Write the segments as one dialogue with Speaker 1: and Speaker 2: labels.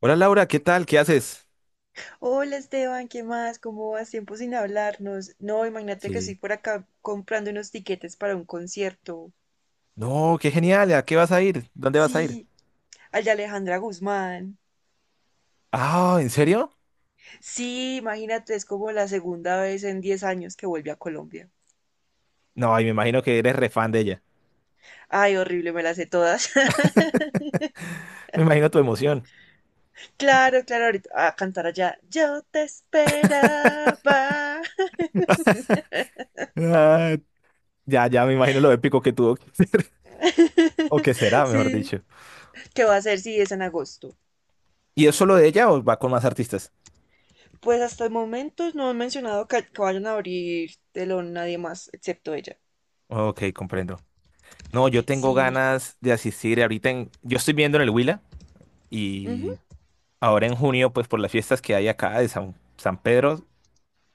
Speaker 1: Hola Laura, ¿qué tal? ¿Qué haces?
Speaker 2: Hola Esteban, ¿qué más? ¿Cómo vas? Tiempo sin hablarnos. No, imagínate que estoy
Speaker 1: Sí.
Speaker 2: por acá comprando unos tiquetes para un concierto.
Speaker 1: No, qué genial. ¿A qué vas a ir? ¿Dónde vas a ir?
Speaker 2: Sí, al de Alejandra Guzmán.
Speaker 1: Ah, ¿en serio?
Speaker 2: Sí, imagínate, es como la segunda vez en 10 años que vuelve a Colombia.
Speaker 1: No, y me imagino que eres re fan de ella.
Speaker 2: Ay, horrible, me las sé todas.
Speaker 1: Me imagino tu emoción.
Speaker 2: Claro, claro, ahorita a cantar allá. Yo te esperaba.
Speaker 1: Ah, ya, ya, me imagino lo épico que tuvo. O que será, mejor
Speaker 2: Sí,
Speaker 1: dicho.
Speaker 2: ¿qué va a hacer si es en agosto?
Speaker 1: ¿Y es solo de ella o va con más artistas?
Speaker 2: Pues hasta el momento no han mencionado que vayan a abrir telón nadie más excepto ella.
Speaker 1: Ok, comprendo. No, yo tengo
Speaker 2: Sí,
Speaker 1: ganas de asistir ahorita en... Yo estoy viendo en el Huila
Speaker 2: ujú.
Speaker 1: y ahora en junio, pues por las fiestas que hay acá de San Pedro,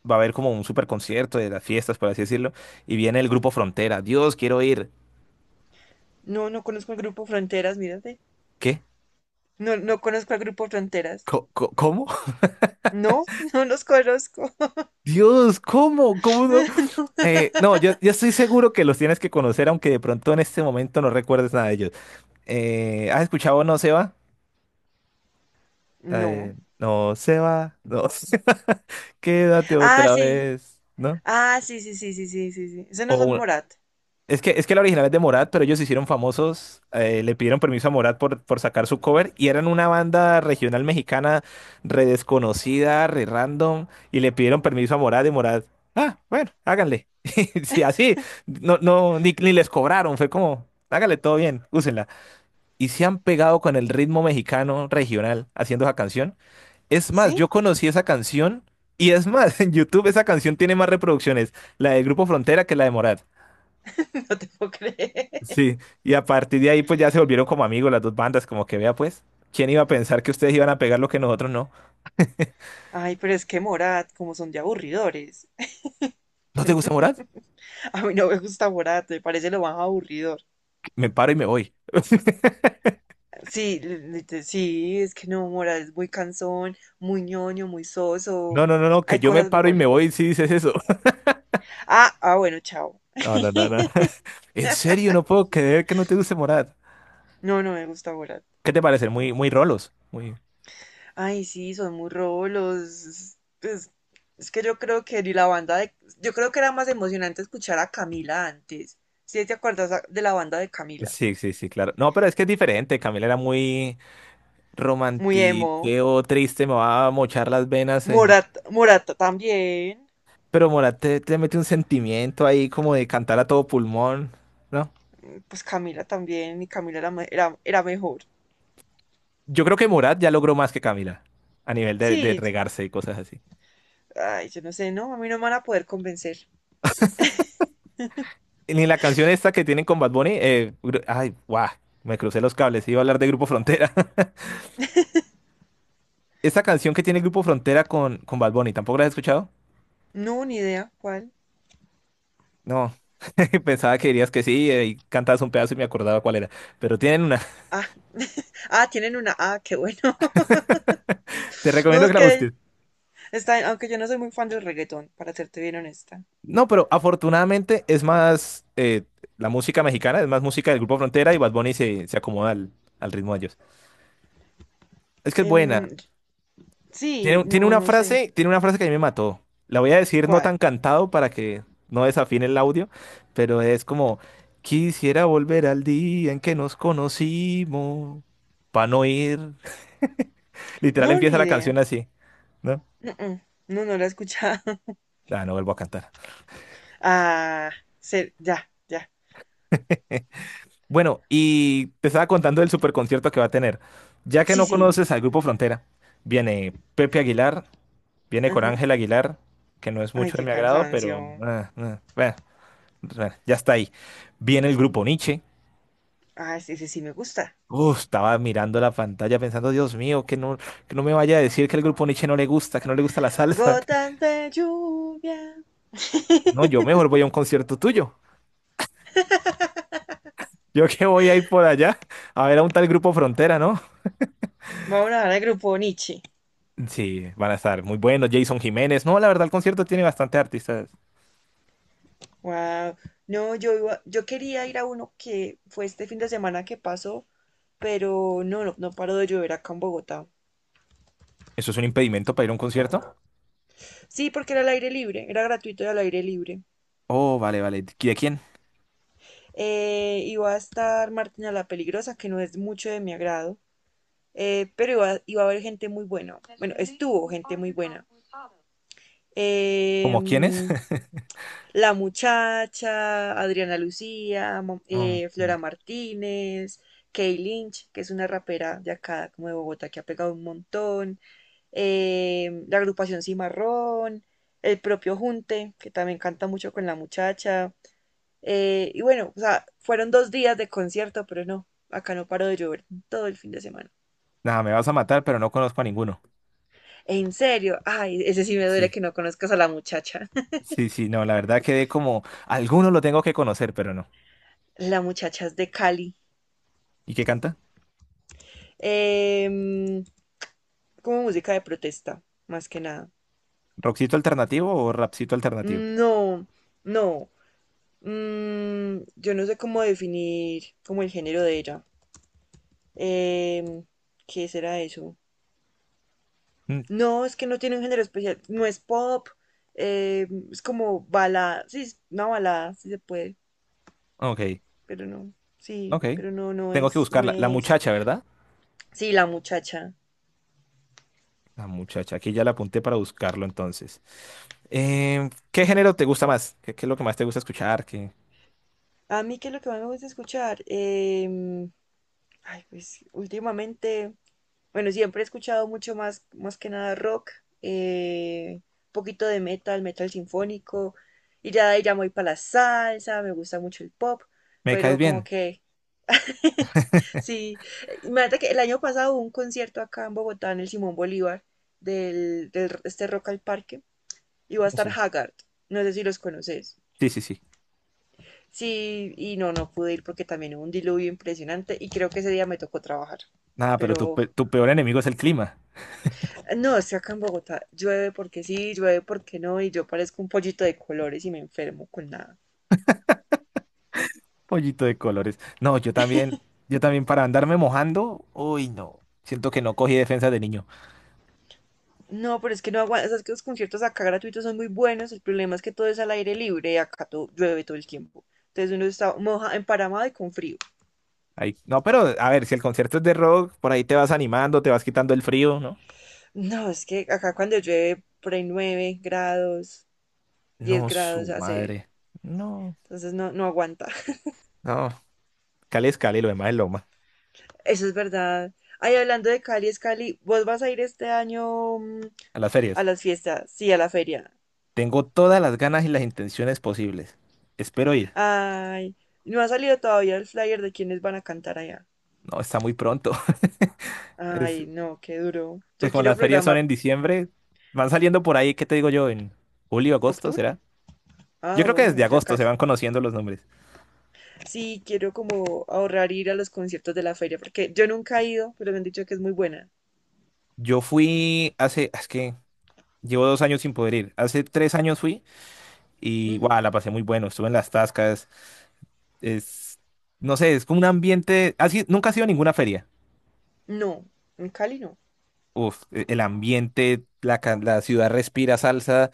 Speaker 1: va a haber como un super concierto de las fiestas, por así decirlo, y viene el grupo Frontera. Dios, quiero ir.
Speaker 2: No, no conozco al grupo Fronteras, mírate.
Speaker 1: ¿Qué?
Speaker 2: No, no conozco al grupo Fronteras.
Speaker 1: ¿Cómo?
Speaker 2: No, no los conozco.
Speaker 1: Dios, ¿cómo? ¿Cómo no? No, yo estoy seguro que los tienes que conocer, aunque de pronto en este momento no recuerdes nada de ellos. ¿Has escuchado No se va? La
Speaker 2: No.
Speaker 1: de, no se va, no se va, quédate
Speaker 2: Ah,
Speaker 1: otra
Speaker 2: sí.
Speaker 1: vez, ¿no?
Speaker 2: Ah, sí, sí, sí, sí, sí, sí, sí. Esos no son
Speaker 1: O,
Speaker 2: Morat.
Speaker 1: es que, es que la original es de Morat, pero ellos se hicieron famosos, le pidieron permiso a Morat por sacar su cover, y eran una banda regional mexicana re desconocida, re random, y le pidieron permiso a Morat y Morat, ah, bueno, háganle. Sí, así, no, no, ni les cobraron, fue como, háganle todo bien, úsenla. Y se han pegado con el ritmo mexicano regional haciendo esa canción. Es más,
Speaker 2: ¿Sí?
Speaker 1: yo conocí esa canción y es más, en YouTube esa canción tiene más reproducciones, la del Grupo Frontera que la de Morat.
Speaker 2: No te puedo creer.
Speaker 1: Sí, y a partir de ahí pues ya se volvieron como amigos las dos bandas, como que vea pues, ¿quién iba a pensar que ustedes iban a pegar lo que nosotros no?
Speaker 2: Ay, pero es que Morat, como son de aburridores.
Speaker 1: ¿No te gusta Morat?
Speaker 2: A mí no me gusta Morat, me parece lo más aburridor.
Speaker 1: Me paro y me voy.
Speaker 2: Sí, sí, es que no, Morat es muy cansón, muy ñoño, muy
Speaker 1: No,
Speaker 2: soso.
Speaker 1: no, no, no, que
Speaker 2: Hay
Speaker 1: yo me
Speaker 2: cosas
Speaker 1: paro y me
Speaker 2: mejores.
Speaker 1: voy si dices eso.
Speaker 2: Ah, bueno, chao.
Speaker 1: No, no, no, no. En serio, no puedo creer que no te guste Morat.
Speaker 2: No, no me gusta Morat.
Speaker 1: ¿Qué te parece? Muy, muy rolos. Muy...
Speaker 2: Ay, sí, son muy rolos. Pues, es que yo creo que ni la banda de... Yo creo que era más emocionante escuchar a Camila antes. ¿Sí te acuerdas de la banda de Camila?
Speaker 1: Sí, sí, sí, claro. No, pero es que es diferente. Camila era muy
Speaker 2: Muy emo.
Speaker 1: romantiqueo, triste, me va a mochar las venas en...
Speaker 2: Morata también.
Speaker 1: Pero Morat te mete un sentimiento ahí como de cantar a todo pulmón, ¿no?
Speaker 2: Pues Camila también. Y Camila era mejor.
Speaker 1: Yo creo que Morat ya logró más que Camila a nivel de
Speaker 2: Sí,
Speaker 1: regarse y cosas así.
Speaker 2: ay, yo no sé, ¿no? A mí no me van a poder convencer.
Speaker 1: Ni la canción esta que tienen con Bad Bunny, gru- ay, guau, me crucé los cables, iba a hablar de Grupo Frontera. Esta canción que tiene Grupo Frontera con Bad Bunny, ¿tampoco la has escuchado?
Speaker 2: No, ni idea cuál.
Speaker 1: No, pensaba que dirías que sí, y cantabas un pedazo y me acordaba cuál era, pero tienen una,
Speaker 2: Ah, ah, tienen una. Ah, qué bueno.
Speaker 1: te
Speaker 2: No,
Speaker 1: recomiendo
Speaker 2: es
Speaker 1: que la
Speaker 2: que
Speaker 1: busques.
Speaker 2: está, aunque yo no soy muy fan del reggaetón, para serte bien honesta.
Speaker 1: No, pero afortunadamente es más la música mexicana, es más música del Grupo Frontera y Bad Bunny se, se acomoda al, al ritmo de ellos. Es que es buena.
Speaker 2: Em, Sí,
Speaker 1: Tiene,
Speaker 2: no, no sé.
Speaker 1: tiene una frase que a mí me mató. La voy a decir no
Speaker 2: ¿Cuál?
Speaker 1: tan cantado para que no desafine el audio, pero es como, quisiera volver al día en que nos conocimos, para no ir. Literal
Speaker 2: No,
Speaker 1: empieza
Speaker 2: ni
Speaker 1: la canción
Speaker 2: idea.
Speaker 1: así, ¿no?
Speaker 2: No, no, no, no la he escuchado.
Speaker 1: Ah, no vuelvo a cantar.
Speaker 2: Ah, ya, ya.
Speaker 1: Bueno, y te estaba contando del superconcierto que va a tener. Ya que
Speaker 2: Sí,
Speaker 1: no
Speaker 2: sí.
Speaker 1: conoces al Grupo Frontera, viene Pepe Aguilar, viene con
Speaker 2: Ajá.
Speaker 1: Ángel Aguilar, que no es
Speaker 2: Ay,
Speaker 1: mucho de
Speaker 2: qué
Speaker 1: mi agrado, pero...
Speaker 2: cansancio.
Speaker 1: bueno. Bueno, ya está ahí. Viene el grupo Nietzsche.
Speaker 2: Ah, ese sí me gusta.
Speaker 1: Uf, estaba mirando la pantalla pensando, Dios mío, que no me vaya a decir que el grupo Nietzsche no le gusta, que no le gusta la salsa.
Speaker 2: Gotas de lluvia.
Speaker 1: No, yo mejor voy a un concierto tuyo. Yo que voy a ir por allá a ver a un tal grupo Frontera, ¿no?
Speaker 2: Vamos a hablar del grupo Nietzsche.
Speaker 1: Sí, van a estar muy buenos. Jason Jiménez. No, la verdad, el concierto tiene bastante artistas.
Speaker 2: Wow. No, yo quería ir a uno que fue este fin de semana que pasó, pero no, no, no paró de llover acá en Bogotá.
Speaker 1: ¿Eso es un impedimento para ir a un concierto?
Speaker 2: Sí, porque era al aire libre, era gratuito y al aire libre.
Speaker 1: Oh, vale, vale. ¿De quién?
Speaker 2: Iba a estar Martina la Peligrosa, que no es mucho de mi agrado, pero iba a haber gente muy buena. Bueno, estuvo gente muy buena.
Speaker 1: ¿Cómo quiénes?
Speaker 2: Em, la muchacha, Adriana Lucía,
Speaker 1: Mm,
Speaker 2: Flora Martínez, Kay Lynch, que es una rapera de acá, como de Bogotá, que ha pegado un montón, la agrupación Cimarrón, el propio Junte, que también canta mucho con la muchacha, y bueno, o sea, fueron 2 días de concierto, pero no, acá no paró de llover todo el fin de semana.
Speaker 1: nada, me vas a matar, pero no conozco a ninguno.
Speaker 2: En serio, ay, ese sí me duele
Speaker 1: Sí,
Speaker 2: que no conozcas a la muchacha.
Speaker 1: sí, sí, no, la verdad quedé como, alguno lo tengo que conocer, pero no.
Speaker 2: La muchacha es de Cali.
Speaker 1: ¿Y qué canta?
Speaker 2: Em, como música de protesta, más que nada.
Speaker 1: ¿Rockcito alternativo o rapcito alternativo?
Speaker 2: No, no. Yo no sé cómo definir como el género de ella. Em, ¿Qué será eso?
Speaker 1: Mm,
Speaker 2: No, es que no tiene un género especial. No es pop. Es como balada. Sí, es una balada, si se puede,
Speaker 1: ok,
Speaker 2: pero no, sí,
Speaker 1: ok.
Speaker 2: pero no, no
Speaker 1: Tengo que
Speaker 2: es, no
Speaker 1: buscarla. La
Speaker 2: es.
Speaker 1: muchacha, ¿verdad?
Speaker 2: Sí, la muchacha.
Speaker 1: La muchacha, aquí ya la apunté para buscarlo entonces. Em, ¿qué género te gusta más? ¿Qué, qué es lo que más te gusta escuchar? ¿Qué?
Speaker 2: A mí, ¿qué es lo que más me gusta escuchar? Ay, pues últimamente, bueno, siempre he escuchado mucho más, más que nada rock, eh, un poquito de metal, metal sinfónico, y ya de ahí ya me voy para la salsa, me gusta mucho el pop,
Speaker 1: ¿Me caes
Speaker 2: pero como
Speaker 1: bien?
Speaker 2: que, sí, imagínate que el año pasado hubo un concierto acá en Bogotá, en el Simón Bolívar, este Rock al Parque. Y va a
Speaker 1: Oh,
Speaker 2: estar
Speaker 1: sí.
Speaker 2: Haggard. No sé si los conoces.
Speaker 1: Sí, sí, sí.
Speaker 2: Sí, y no pude ir porque también hubo un diluvio impresionante y creo que ese día me tocó trabajar.
Speaker 1: Nada, pero tu,
Speaker 2: Pero
Speaker 1: pe- tu peor enemigo es el clima.
Speaker 2: no, es que acá en Bogotá llueve porque sí, llueve porque no, y yo parezco un pollito de colores y me enfermo con nada.
Speaker 1: Pollito de colores. No, yo también para andarme mojando, uy, no. Siento que no cogí defensa de niño.
Speaker 2: No, pero es que no aguanta, sabes que los conciertos acá gratuitos son muy buenos, el problema es que todo es al aire libre y acá todo, llueve todo el tiempo. Entonces uno está emparamado y con frío.
Speaker 1: Ahí- no, pero a ver, si el concierto es de rock, por ahí te vas animando, te vas quitando el frío, ¿no?
Speaker 2: No, es que acá cuando llueve por ahí 9 grados, 10
Speaker 1: No, su
Speaker 2: grados hace,
Speaker 1: madre. No,
Speaker 2: entonces no aguanta.
Speaker 1: no. Cali es Cali, lo demás es Loma.
Speaker 2: Eso es verdad. Ay, hablando de Cali, es Cali. ¿Vos vas a ir este año,
Speaker 1: A las
Speaker 2: a
Speaker 1: ferias.
Speaker 2: las fiestas? Sí, a la feria.
Speaker 1: Tengo todas las ganas y las intenciones posibles. Espero ir.
Speaker 2: Ay, no ha salido todavía el flyer de quiénes van a cantar allá.
Speaker 1: No, está muy pronto. Es,
Speaker 2: Ay, no, qué duro.
Speaker 1: pues
Speaker 2: Yo
Speaker 1: como
Speaker 2: quiero
Speaker 1: las ferias son
Speaker 2: programar
Speaker 1: en diciembre, van saliendo por ahí, ¿qué te digo yo? En julio, agosto,
Speaker 2: octubre.
Speaker 1: ¿será? Yo
Speaker 2: Ah,
Speaker 1: creo que
Speaker 2: bueno,
Speaker 1: desde
Speaker 2: ya
Speaker 1: agosto se
Speaker 2: casi.
Speaker 1: van conociendo los nombres.
Speaker 2: Sí, quiero como ahorrar ir a los conciertos de la feria, porque yo nunca he ido, pero me han dicho que es muy buena.
Speaker 1: Yo fui hace, es que llevo 2 años sin poder ir. Hace 3 años fui y,
Speaker 2: Ujú.
Speaker 1: guau, la pasé muy bueno. Estuve en las tascas. Es, no sé, es como un ambiente. ¿Has ido- nunca has ido a ninguna feria?
Speaker 2: No, en Cali no.
Speaker 1: Uf, e- el ambiente, la, ca- la ciudad respira salsa,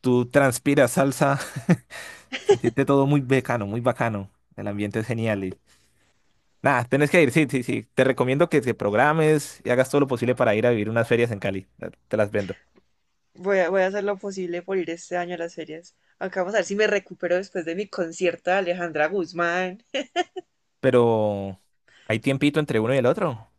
Speaker 1: tú transpiras salsa. Se siente todo muy bacano, muy bacano. El ambiente es genial. Y- nada, tenés que ir, sí, sí, sí. Te recomiendo que te programes y hagas todo lo posible para ir a vivir unas ferias en Cali. Te las vendo.
Speaker 2: Voy a hacer lo posible por ir este año a las ferias. Acá vamos a ver si me recupero después de mi concierto de Alejandra Guzmán.
Speaker 1: Pero hay tiempito entre uno y el otro.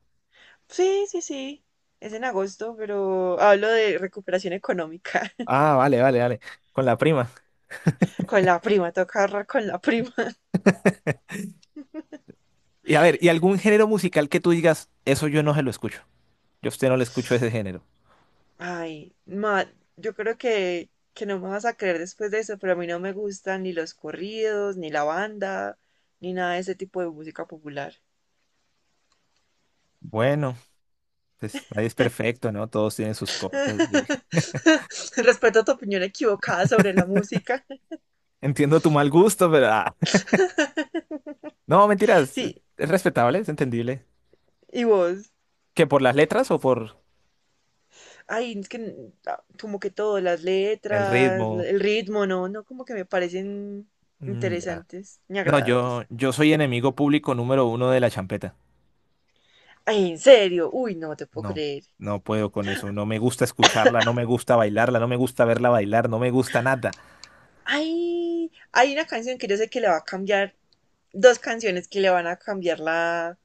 Speaker 2: Sí, sí, sí. Es en agosto, pero hablo de recuperación económica.
Speaker 1: Ah, vale, vale, vale. Con la prima.
Speaker 2: Con la prima, toca ahorrar con la prima.
Speaker 1: Y a ver, ¿y algún género musical que tú digas, eso yo no se lo escucho? Yo a usted no le escucho ese género.
Speaker 2: Ay, ma, yo creo que no me vas a creer después de eso, pero a mí no me gustan ni los corridos, ni la banda, ni nada de ese tipo de música popular.
Speaker 1: Bueno. Pues nadie es perfecto, ¿no? Todos tienen sus cosas. Y
Speaker 2: Respeto tu opinión equivocada sobre la música.
Speaker 1: entiendo tu mal gusto, pero... ah, no, mentiras.
Speaker 2: Sí,
Speaker 1: Es respetable, es entendible.
Speaker 2: ¿y vos?
Speaker 1: ¿Que por las letras o por
Speaker 2: Ay, es que como que todo, las
Speaker 1: el
Speaker 2: letras,
Speaker 1: ritmo?
Speaker 2: el ritmo, no, no, como que me parecen
Speaker 1: Mm, ya.
Speaker 2: interesantes ni
Speaker 1: No,
Speaker 2: agradables.
Speaker 1: yo soy enemigo público número uno de la champeta.
Speaker 2: Ay, en serio, uy, no te puedo
Speaker 1: No,
Speaker 2: creer.
Speaker 1: no puedo con eso. No me gusta escucharla, no me gusta bailarla, no me gusta verla bailar, no me gusta nada.
Speaker 2: Ay, hay una canción que yo sé que le va a cambiar, dos canciones que le van a cambiar la,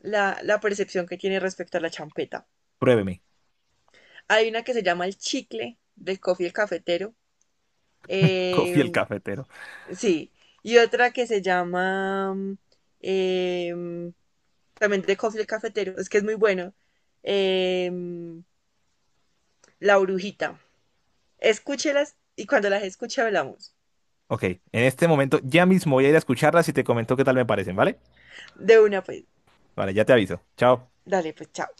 Speaker 2: la, la percepción que tiene respecto a la champeta.
Speaker 1: Pruébeme.
Speaker 2: Hay una que se llama El Chicle, del Coffee el Cafetero.
Speaker 1: Coffee
Speaker 2: eh,
Speaker 1: el cafetero.
Speaker 2: sí, y otra que se llama em, también de Coffee el Cafetero, es que es muy bueno. Eh, la Brujita. Escúchelas y cuando las escuche hablamos.
Speaker 1: Ok, en este momento ya mismo voy a ir a escucharlas y te comento qué tal me parecen, ¿vale?
Speaker 2: De una, pues,
Speaker 1: Vale, ya te aviso. Chao.
Speaker 2: dale, pues, chao.